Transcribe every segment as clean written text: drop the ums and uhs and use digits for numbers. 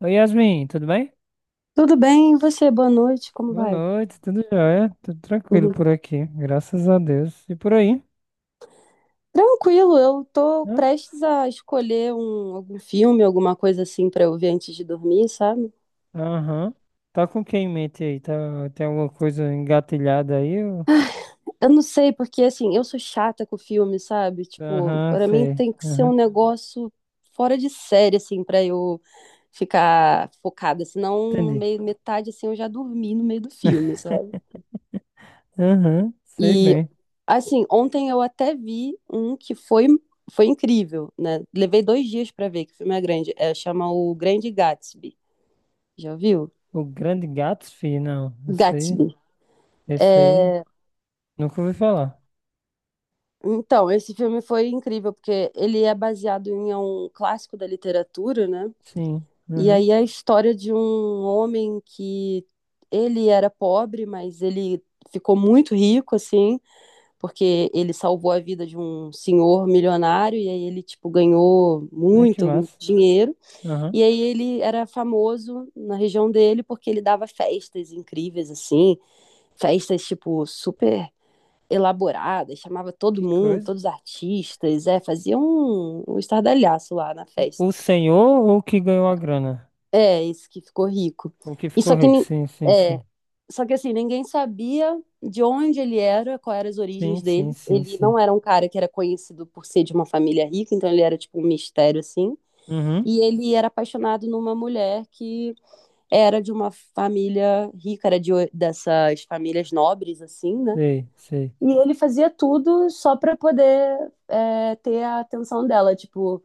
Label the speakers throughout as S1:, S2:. S1: Oi, Yasmin, tudo bem?
S2: Tudo bem, e você? Boa noite, como
S1: Boa
S2: vai?
S1: noite, tudo jóia? Tudo tranquilo
S2: Uhum.
S1: por aqui, graças a Deus. E por aí?
S2: Tranquilo, eu tô
S1: Hã?
S2: prestes a escolher algum filme, alguma coisa assim pra eu ver antes de dormir, sabe?
S1: Aham. Tá com quem em mente aí? Tá, tem alguma coisa engatilhada aí?
S2: Eu não sei, porque assim, eu sou chata com filme, sabe? Tipo,
S1: Aham,
S2: pra mim
S1: sei.
S2: tem que ser
S1: Aham,
S2: um negócio fora de série, assim, pra eu ficar focada, senão no
S1: entendi.
S2: meio, metade, assim, eu já dormi no meio do filme, sabe?
S1: Aham, sei
S2: E
S1: bem.
S2: Assim, ontem eu até vi um que foi incrível, né? Levei 2 dias pra ver, que o filme é grande. É, chama O Grande Gatsby. Já viu?
S1: O Grande Gatsby, não. Esse aí,
S2: Gatsby.
S1: esse aí,
S2: É,
S1: nunca ouvi falar.
S2: então, esse filme foi incrível, porque ele é baseado em um clássico da literatura, né?
S1: Sim,
S2: E
S1: aham.
S2: aí é a história de um homem que ele era pobre, mas ele ficou muito rico, assim, porque ele salvou a vida de um senhor milionário e aí ele, tipo, ganhou
S1: Ai, que
S2: muito, muito
S1: massa.
S2: dinheiro.
S1: Aham,
S2: E aí ele era famoso na região dele porque ele dava festas incríveis, assim, festas, tipo, super elaboradas, chamava todo
S1: que
S2: mundo,
S1: coisa.
S2: todos os artistas, fazia um estardalhaço lá na festa.
S1: O senhor ou o que ganhou a grana?
S2: É, esse que ficou rico.
S1: O que
S2: E
S1: ficou
S2: só que,
S1: rico? Sim, sim,
S2: é,
S1: sim.
S2: só que assim, ninguém sabia de onde ele era, quais eram as
S1: Sim,
S2: origens
S1: sim,
S2: dele.
S1: sim,
S2: Ele
S1: sim.
S2: não era um cara que era conhecido por ser de uma família rica, então ele era tipo um mistério, assim.
S1: Uhum.
S2: E ele era apaixonado numa mulher que era de uma família rica, era dessas famílias nobres, assim, né?
S1: Sei, sei.
S2: E ele fazia tudo só para poder ter a atenção dela. Tipo,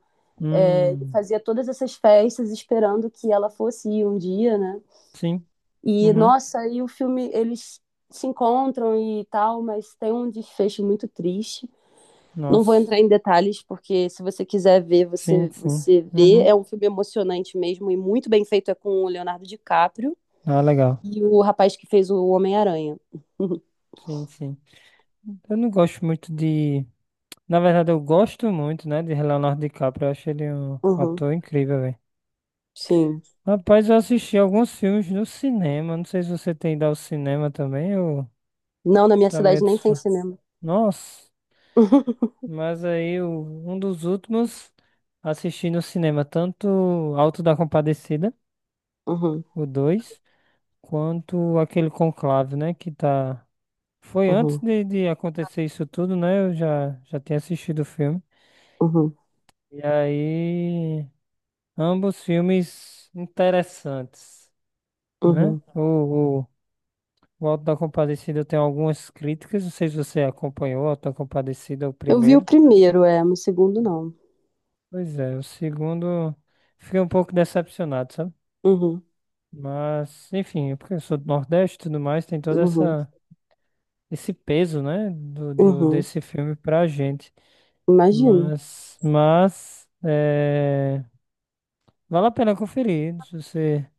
S2: ele
S1: Hum,
S2: fazia todas essas festas esperando que ela fosse ir um dia, né?
S1: sim.
S2: E,
S1: Uhum.
S2: nossa, e o filme, eles se encontram e tal, mas tem um desfecho muito triste. Não vou
S1: Nossa.
S2: entrar em detalhes, porque se você quiser ver,
S1: Sim,
S2: você,
S1: sim.
S2: você vê.
S1: Uhum.
S2: É um filme emocionante mesmo e muito bem feito. É com o Leonardo DiCaprio.
S1: Ah, legal.
S2: E o rapaz que fez o Homem-Aranha.
S1: Sim, sim. Eu não gosto muito de. Na verdade, eu gosto muito, né, de Leonardo DiCaprio. Eu acho ele um
S2: Uhum, uhum,
S1: ator incrível, velho.
S2: sim.
S1: Rapaz, eu assisti alguns filmes no cinema. Não sei se você tem ido ao cinema também. Eu
S2: Não, na minha
S1: também
S2: cidade nem tem
S1: sou.
S2: cinema.
S1: Nossa. Mas aí, um dos últimos assisti no cinema, tanto Alto da Compadecida.
S2: Uhum,
S1: O 2 quanto aquele Conclave, né? Que tá. Foi antes
S2: uhum,
S1: de acontecer isso tudo, né? Eu já tinha assistido o filme.
S2: uhum,
S1: E aí, ambos filmes interessantes, né?
S2: uhum.
S1: O, o Auto da Compadecida tem algumas críticas, não sei se você acompanhou o Auto da Compadecida, o
S2: Eu vi o
S1: primeiro.
S2: primeiro, mas o segundo não.
S1: Pois é, o segundo, fiquei um pouco decepcionado, sabe?
S2: Uhum,
S1: Mas, enfim, porque eu sou do Nordeste e tudo mais, tem toda
S2: uhum,
S1: essa. Esse peso, né, do,
S2: uhum.
S1: desse filme pra gente.
S2: Imagino.
S1: Mas é, vale a pena conferir, se você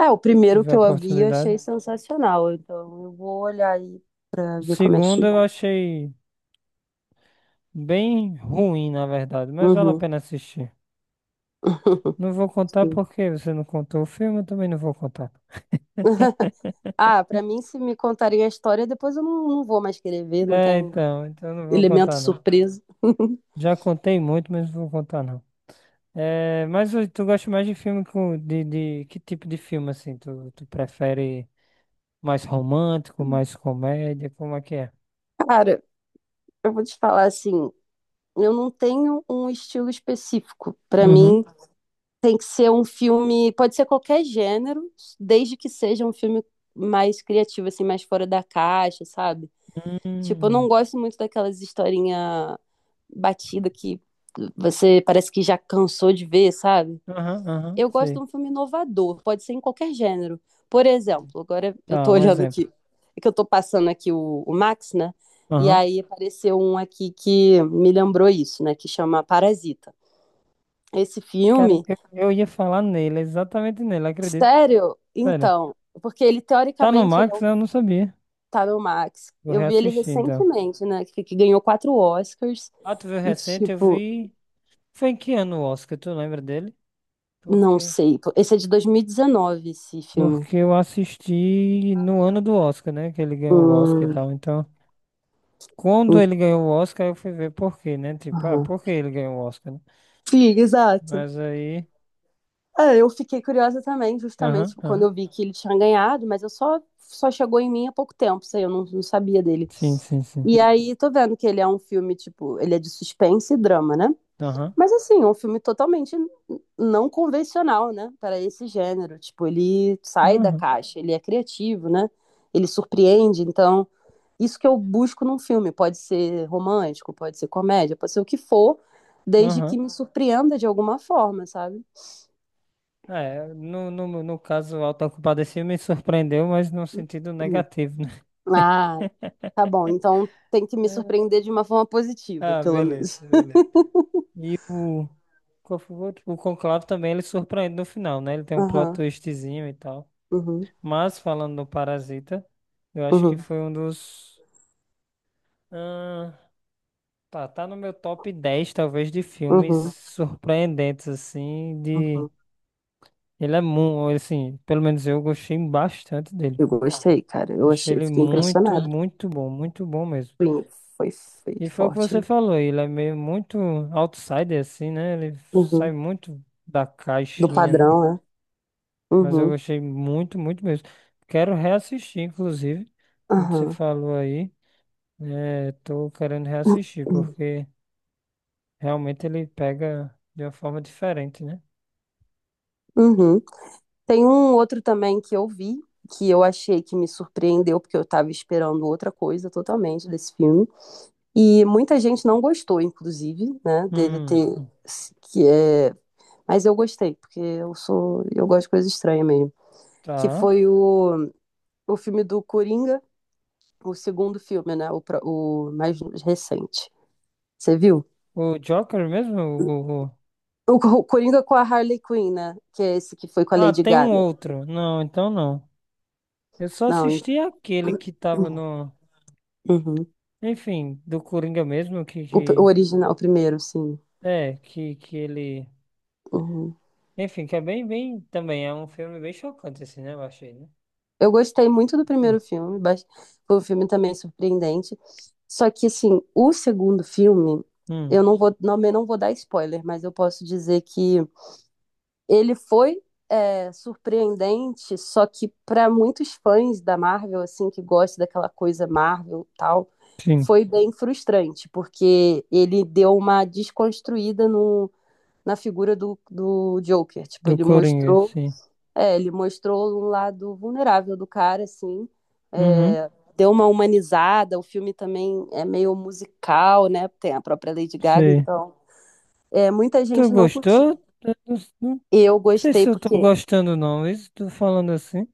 S2: É, o primeiro
S1: tiver
S2: que
S1: a
S2: eu vi eu
S1: oportunidade.
S2: achei sensacional, então eu vou olhar aí pra
S1: O
S2: ver como é que
S1: segundo eu
S2: ficou.
S1: achei bem ruim, na verdade, mas vale a
S2: Uhum.
S1: pena assistir. Não vou contar
S2: Sim.
S1: porque você não contou o filme, eu também não vou contar.
S2: Ah, pra mim, se me contarem a história, depois eu não vou mais querer ver, não
S1: É,
S2: tem
S1: então eu não vou
S2: elemento
S1: contar não.
S2: surpresa.
S1: Já contei muito, mas não vou contar não. É, mas tu gosta mais de filme de que tipo de filme assim? Tu prefere mais romântico, mais comédia, como é que é?
S2: Cara, eu vou te falar assim, eu não tenho um estilo específico. Para
S1: Uhum.
S2: mim, tem que ser um filme, pode ser qualquer gênero, desde que seja um filme mais criativo, assim, mais fora da caixa, sabe? Tipo, eu não
S1: Hum.
S2: gosto muito daquelas historinha batida que você parece que já cansou de ver, sabe?
S1: Aham, aham,
S2: Eu gosto de
S1: sei.
S2: um filme inovador, pode ser em qualquer gênero. Por
S1: Entendi.
S2: exemplo, agora eu
S1: Tá,
S2: tô
S1: um
S2: olhando
S1: exemplo.
S2: aqui, é que eu tô passando aqui o Max, né? E
S1: Aham.
S2: aí apareceu um aqui que me lembrou isso, né? Que chama Parasita. Esse
S1: Cara,
S2: filme,
S1: eu ia falar nele, exatamente nele, acredito.
S2: sério?
S1: Sério.
S2: Então, porque ele
S1: Tá no
S2: teoricamente ele é
S1: Max,
S2: o
S1: né? Eu não sabia.
S2: tá no Max.
S1: Vou
S2: Eu vi ele
S1: reassistir, então.
S2: recentemente, né? Que ganhou quatro Oscars.
S1: Ah, tu viu
S2: E
S1: recente? Eu
S2: tipo,
S1: vi. Foi em que ano o Oscar? Tu lembra dele?
S2: não
S1: Porque.
S2: sei. Esse é de 2019, esse filme.
S1: Porque eu assisti no ano do Oscar, né? Que ele ganhou o Oscar e
S2: Hum,
S1: tal. Então, quando
S2: hum,
S1: ele ganhou o Oscar, eu fui ver por quê, né? Tipo, ah,
S2: aham.
S1: por que ele ganhou o Oscar, né?
S2: Sim, exato.
S1: Mas aí.
S2: É, eu fiquei curiosa também, justamente
S1: Aham,
S2: tipo, quando
S1: aham.
S2: eu vi que ele tinha ganhado, mas eu só chegou em mim há pouco tempo, sei, eu não sabia dele.
S1: Sim, sim, sim.
S2: E aí tô vendo que ele é um filme tipo, ele é de suspense e drama, né?
S1: Aham,
S2: Mas assim, um filme totalmente não convencional, né, para esse gênero. Tipo, ele sai da
S1: aham,
S2: caixa, ele é criativo, né? Ele surpreende, então isso que eu busco num filme, pode ser romântico, pode ser comédia, pode ser o que for, desde que
S1: aham.
S2: me surpreenda de alguma forma, sabe?
S1: É, no caso, o Auto da Compadecida me surpreendeu, mas no sentido
S2: Hum.
S1: negativo, né?
S2: Ah, tá bom, então tem que me surpreender de uma forma positiva,
S1: Ah,
S2: pelo
S1: beleza,
S2: menos.
S1: beleza. E o, qual foi o outro? O Conclave também, ele surpreende no final, né? Ele tem um plot
S2: Aham,
S1: twistzinho e tal.
S2: uhum,
S1: Mas, falando do Parasita, eu acho que
S2: uhum,
S1: foi um dos, ah, tá no meu top 10 talvez, de filmes
S2: uhum,
S1: surpreendentes, assim, de.
S2: uhum.
S1: Ele é muito, assim, pelo menos eu gostei bastante dele,
S2: Eu
S1: pô.
S2: gostei, cara. Eu
S1: Achei
S2: achei,
S1: ele
S2: fiquei
S1: muito,
S2: impressionado.
S1: muito bom mesmo.
S2: Foi, foi
S1: E foi o que
S2: forte,
S1: você
S2: né?
S1: falou, ele é meio muito outsider, assim, né? Ele sai
S2: Uhum.
S1: muito da
S2: Do
S1: caixinha, né?
S2: padrão, né?
S1: Mas eu
S2: Uhum,
S1: gostei muito, muito mesmo. Quero reassistir, inclusive, o que você
S2: aham.
S1: falou aí. É, tô querendo reassistir,
S2: Uhum,
S1: porque realmente ele pega de uma forma diferente, né?
S2: uhum. Tem um outro também que eu vi, que eu achei que me surpreendeu, porque eu tava esperando outra coisa totalmente desse filme. E muita gente não gostou, inclusive, né, dele
S1: Hum,
S2: ter. Que é, Mas eu gostei, porque eu sou, eu gosto de coisa estranha mesmo. Que
S1: tá.
S2: foi o filme do Coringa, o segundo filme, né? O mais recente. Você viu?
S1: O Joker mesmo, o.
S2: O Coringa com a Harley Quinn, né? Que é esse que foi com a
S1: Ah,
S2: Lady
S1: tem um
S2: Gaga.
S1: outro. Não, então não. Eu só
S2: Não,
S1: assisti aquele que tava no.
S2: uhum.
S1: Enfim, do Coringa mesmo, que,
S2: O
S1: que...
S2: original, o primeiro, sim.
S1: É, que ele.
S2: Uhum.
S1: Enfim, que é bem, bem. Também é um filme bem chocante, assim, né? Eu achei, né?
S2: Eu gostei muito do
S1: Hum,
S2: primeiro filme, foi um filme também surpreendente. Só que, assim, o segundo filme,
S1: hum,
S2: eu não vou dar spoiler, mas eu posso dizer que ele foi surpreendente, só que para muitos fãs da Marvel, assim, que gostam daquela coisa Marvel e tal,
S1: sim.
S2: foi bem frustrante, porque ele deu uma desconstruída no, na figura do Joker. Tipo,
S1: Do Coringa, sim.
S2: ele mostrou um lado vulnerável do cara, assim,
S1: Uhum,
S2: é, deu uma humanizada. O filme também é meio musical, né? Tem a própria Lady Gaga,
S1: sei.
S2: então muita
S1: Tu
S2: gente não curtiu.
S1: gostou? Eu não
S2: Eu
S1: sei
S2: gostei
S1: se eu tô
S2: porque
S1: gostando, não. Isso, tô falando assim.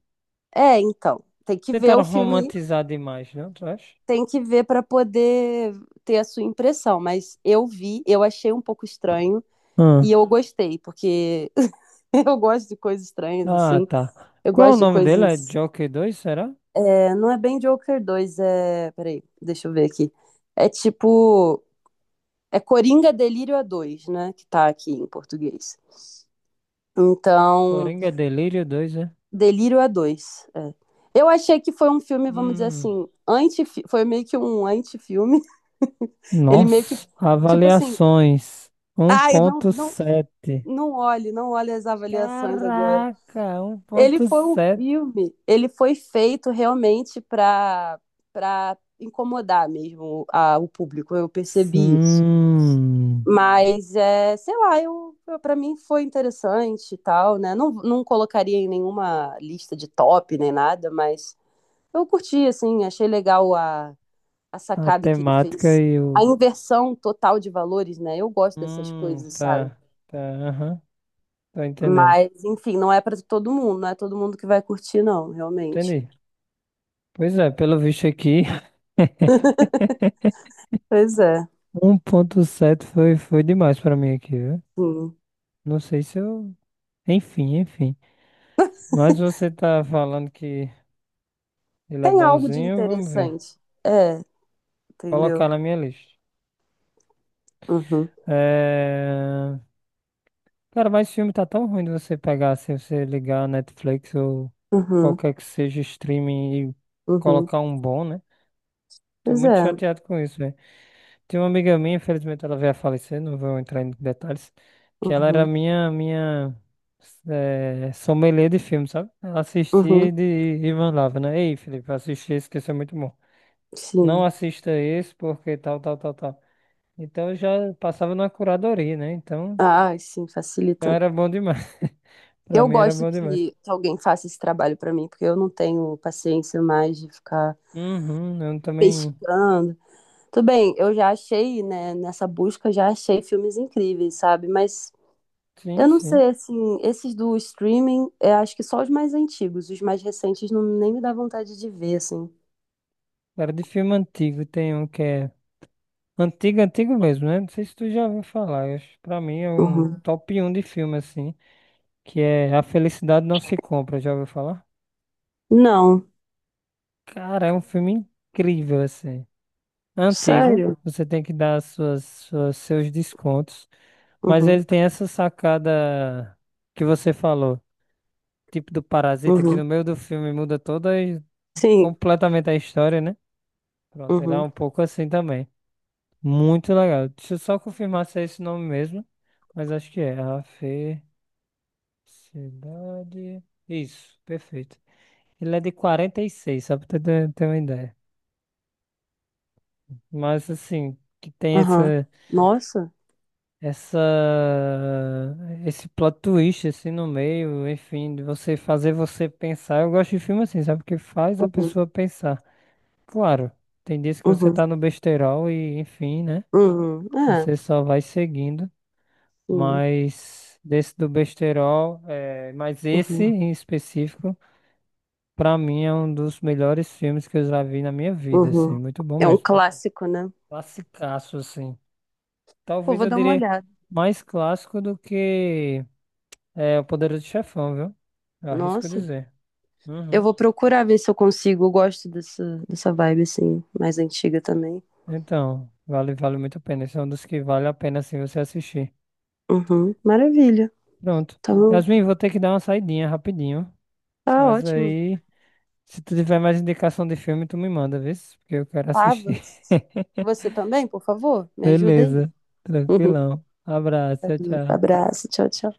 S2: é, então, tem que ver
S1: Tentaram
S2: o filme,
S1: romantizar demais, não, tu acha?
S2: tem que ver para poder ter a sua impressão, mas eu vi, eu achei um pouco estranho
S1: Hum.
S2: e eu gostei, porque eu gosto de coisas estranhas
S1: Ah,
S2: assim.
S1: tá.
S2: Eu
S1: Qual é o
S2: gosto de
S1: nome dele? É
S2: coisas,
S1: Joker 2, será?
S2: não é bem Joker 2, é, peraí, deixa eu ver aqui. É tipo, é Coringa Delírio a dois, né, que tá aqui em português. Então,
S1: Coringa Delírio dois, né?
S2: Delírio a 2. É. Eu achei que foi um filme, vamos dizer
S1: Hum.
S2: assim, anti, foi meio que um anti-filme. Ele meio que,
S1: Nossa,
S2: tipo assim,
S1: avaliações um
S2: ai, não,
S1: ponto
S2: não,
S1: sete.
S2: não olhe, não olhe as avaliações agora.
S1: Caraca, um
S2: Ele foi um
S1: 1.7.
S2: filme, ele foi feito realmente para incomodar mesmo o público, eu percebi isso.
S1: Hum,
S2: Mas, é, sei lá, eu para mim foi interessante e tal, né? Não, não colocaria em nenhuma lista de top nem nada, mas eu curti, assim, achei legal a
S1: a
S2: sacada que ele
S1: temática
S2: fez.
S1: e o.
S2: A inversão total de valores, né? Eu gosto dessas coisas, sabe?
S1: Tá, tá, aham, tô entendendo.
S2: Mas, enfim, não é para todo mundo, não é todo mundo que vai curtir, não, realmente.
S1: Entendi. Pois é, pelo visto aqui,
S2: Pois é,
S1: 1.7 foi demais pra mim aqui, viu?
S2: sim.
S1: Não sei se eu. Enfim, enfim. Mas você tá falando que. Ele é
S2: Tem algo de
S1: bonzinho, vamos ver.
S2: interessante. É,
S1: Colocar
S2: entendeu?
S1: na minha lista.
S2: Uhum,
S1: É. Cara, mas esse filme tá tão ruim de você pegar assim, você ligar a Netflix ou
S2: uhum,
S1: qualquer que seja streaming e
S2: uhum.
S1: colocar um bom, né? Tô
S2: Pois
S1: muito
S2: é.
S1: chateado com isso, velho. Tem uma amiga minha, infelizmente ela veio a falecer, não vou entrar em detalhes, que ela era
S2: Uhum,
S1: minha sommelier de filme, sabe? Ela assistia e
S2: uhum,
S1: de, e mandava, né? Ei, Felipe, assisti esse que esse é muito bom. Não
S2: sim.
S1: assista esse porque tal, tal, tal, tal. Então eu já passava na curadoria, né? Então
S2: Ai, sim,
S1: já
S2: facilita.
S1: era bom demais. Pra
S2: Eu
S1: mim era
S2: gosto
S1: bom demais.
S2: que alguém faça esse trabalho para mim, porque eu não tenho paciência mais de ficar
S1: Uhum, eu também.
S2: pescando. Tudo bem, eu já achei, né, nessa busca, já achei filmes incríveis, sabe? Mas
S1: Sim,
S2: eu não
S1: sim.
S2: sei, assim, esses do streaming, eu acho que só os mais antigos, os mais recentes não, nem me dá vontade de ver, assim.
S1: Era de filme antigo. Tem um que é. Antigo, antigo mesmo, né? Não sei se tu já ouviu falar. Pra mim é um
S2: Uhum.
S1: top um de filme, assim. Que é A Felicidade Não Se Compra. Já ouviu falar?
S2: Não,
S1: Cara, é um filme incrível, assim. Antigo.
S2: sério?
S1: Você tem que dar seus descontos. Mas
S2: Uhum,
S1: ele tem essa sacada que você falou. Tipo do parasita que no
S2: uhum.
S1: meio do filme muda toda e
S2: Sim,
S1: completamente a história, né? Pronto, ele é
S2: uhum,
S1: um pouco assim também. Muito legal. Deixa eu só confirmar se é esse nome mesmo, mas acho que é. A Felicidade. Isso, perfeito. Ele é de 46, só pra ter uma ideia. Mas assim, que tem
S2: aham. Nossa,
S1: essa, esse plot twist assim no meio, enfim, de você fazer você pensar. Eu gosto de filme assim, sabe? Porque faz a
S2: uhum,
S1: pessoa pensar. Claro, tem dias que você
S2: uhum,
S1: tá no besteirol e, enfim, né?
S2: uhum. É,
S1: Você só vai seguindo,
S2: sim,
S1: mas desse do besteirol, mas esse
S2: uhum,
S1: em específico, pra mim é um dos melhores filmes que eu já vi na minha vida, assim,
S2: uhum.
S1: muito bom
S2: É um
S1: mesmo.
S2: clássico, né?
S1: Classicaço, assim.
S2: Pô,
S1: Talvez
S2: vou
S1: eu
S2: dar uma
S1: diria
S2: olhada.
S1: mais clássico do que O Poderoso Chefão, viu? Eu arrisco
S2: Nossa,
S1: dizer.
S2: eu
S1: Uhum.
S2: vou procurar ver se eu consigo, eu gosto dessa vibe, assim, mais antiga também.
S1: Então, vale muito a pena. Esse é um dos que vale a pena, assim, você assistir.
S2: Uhum, maravilha,
S1: Pronto.
S2: tá bom.
S1: Yasmin, vou ter que dar uma saidinha rapidinho.
S2: Tá
S1: Mas
S2: ótimo.
S1: aí, se tu tiver mais indicação de filme, tu me manda, vê? Porque eu quero assistir.
S2: Tavas. Você também, por favor? Me ajuda aí.
S1: Beleza. Tranquilão. Abraço, tchau, tchau.
S2: Abraço, tchau, tchau.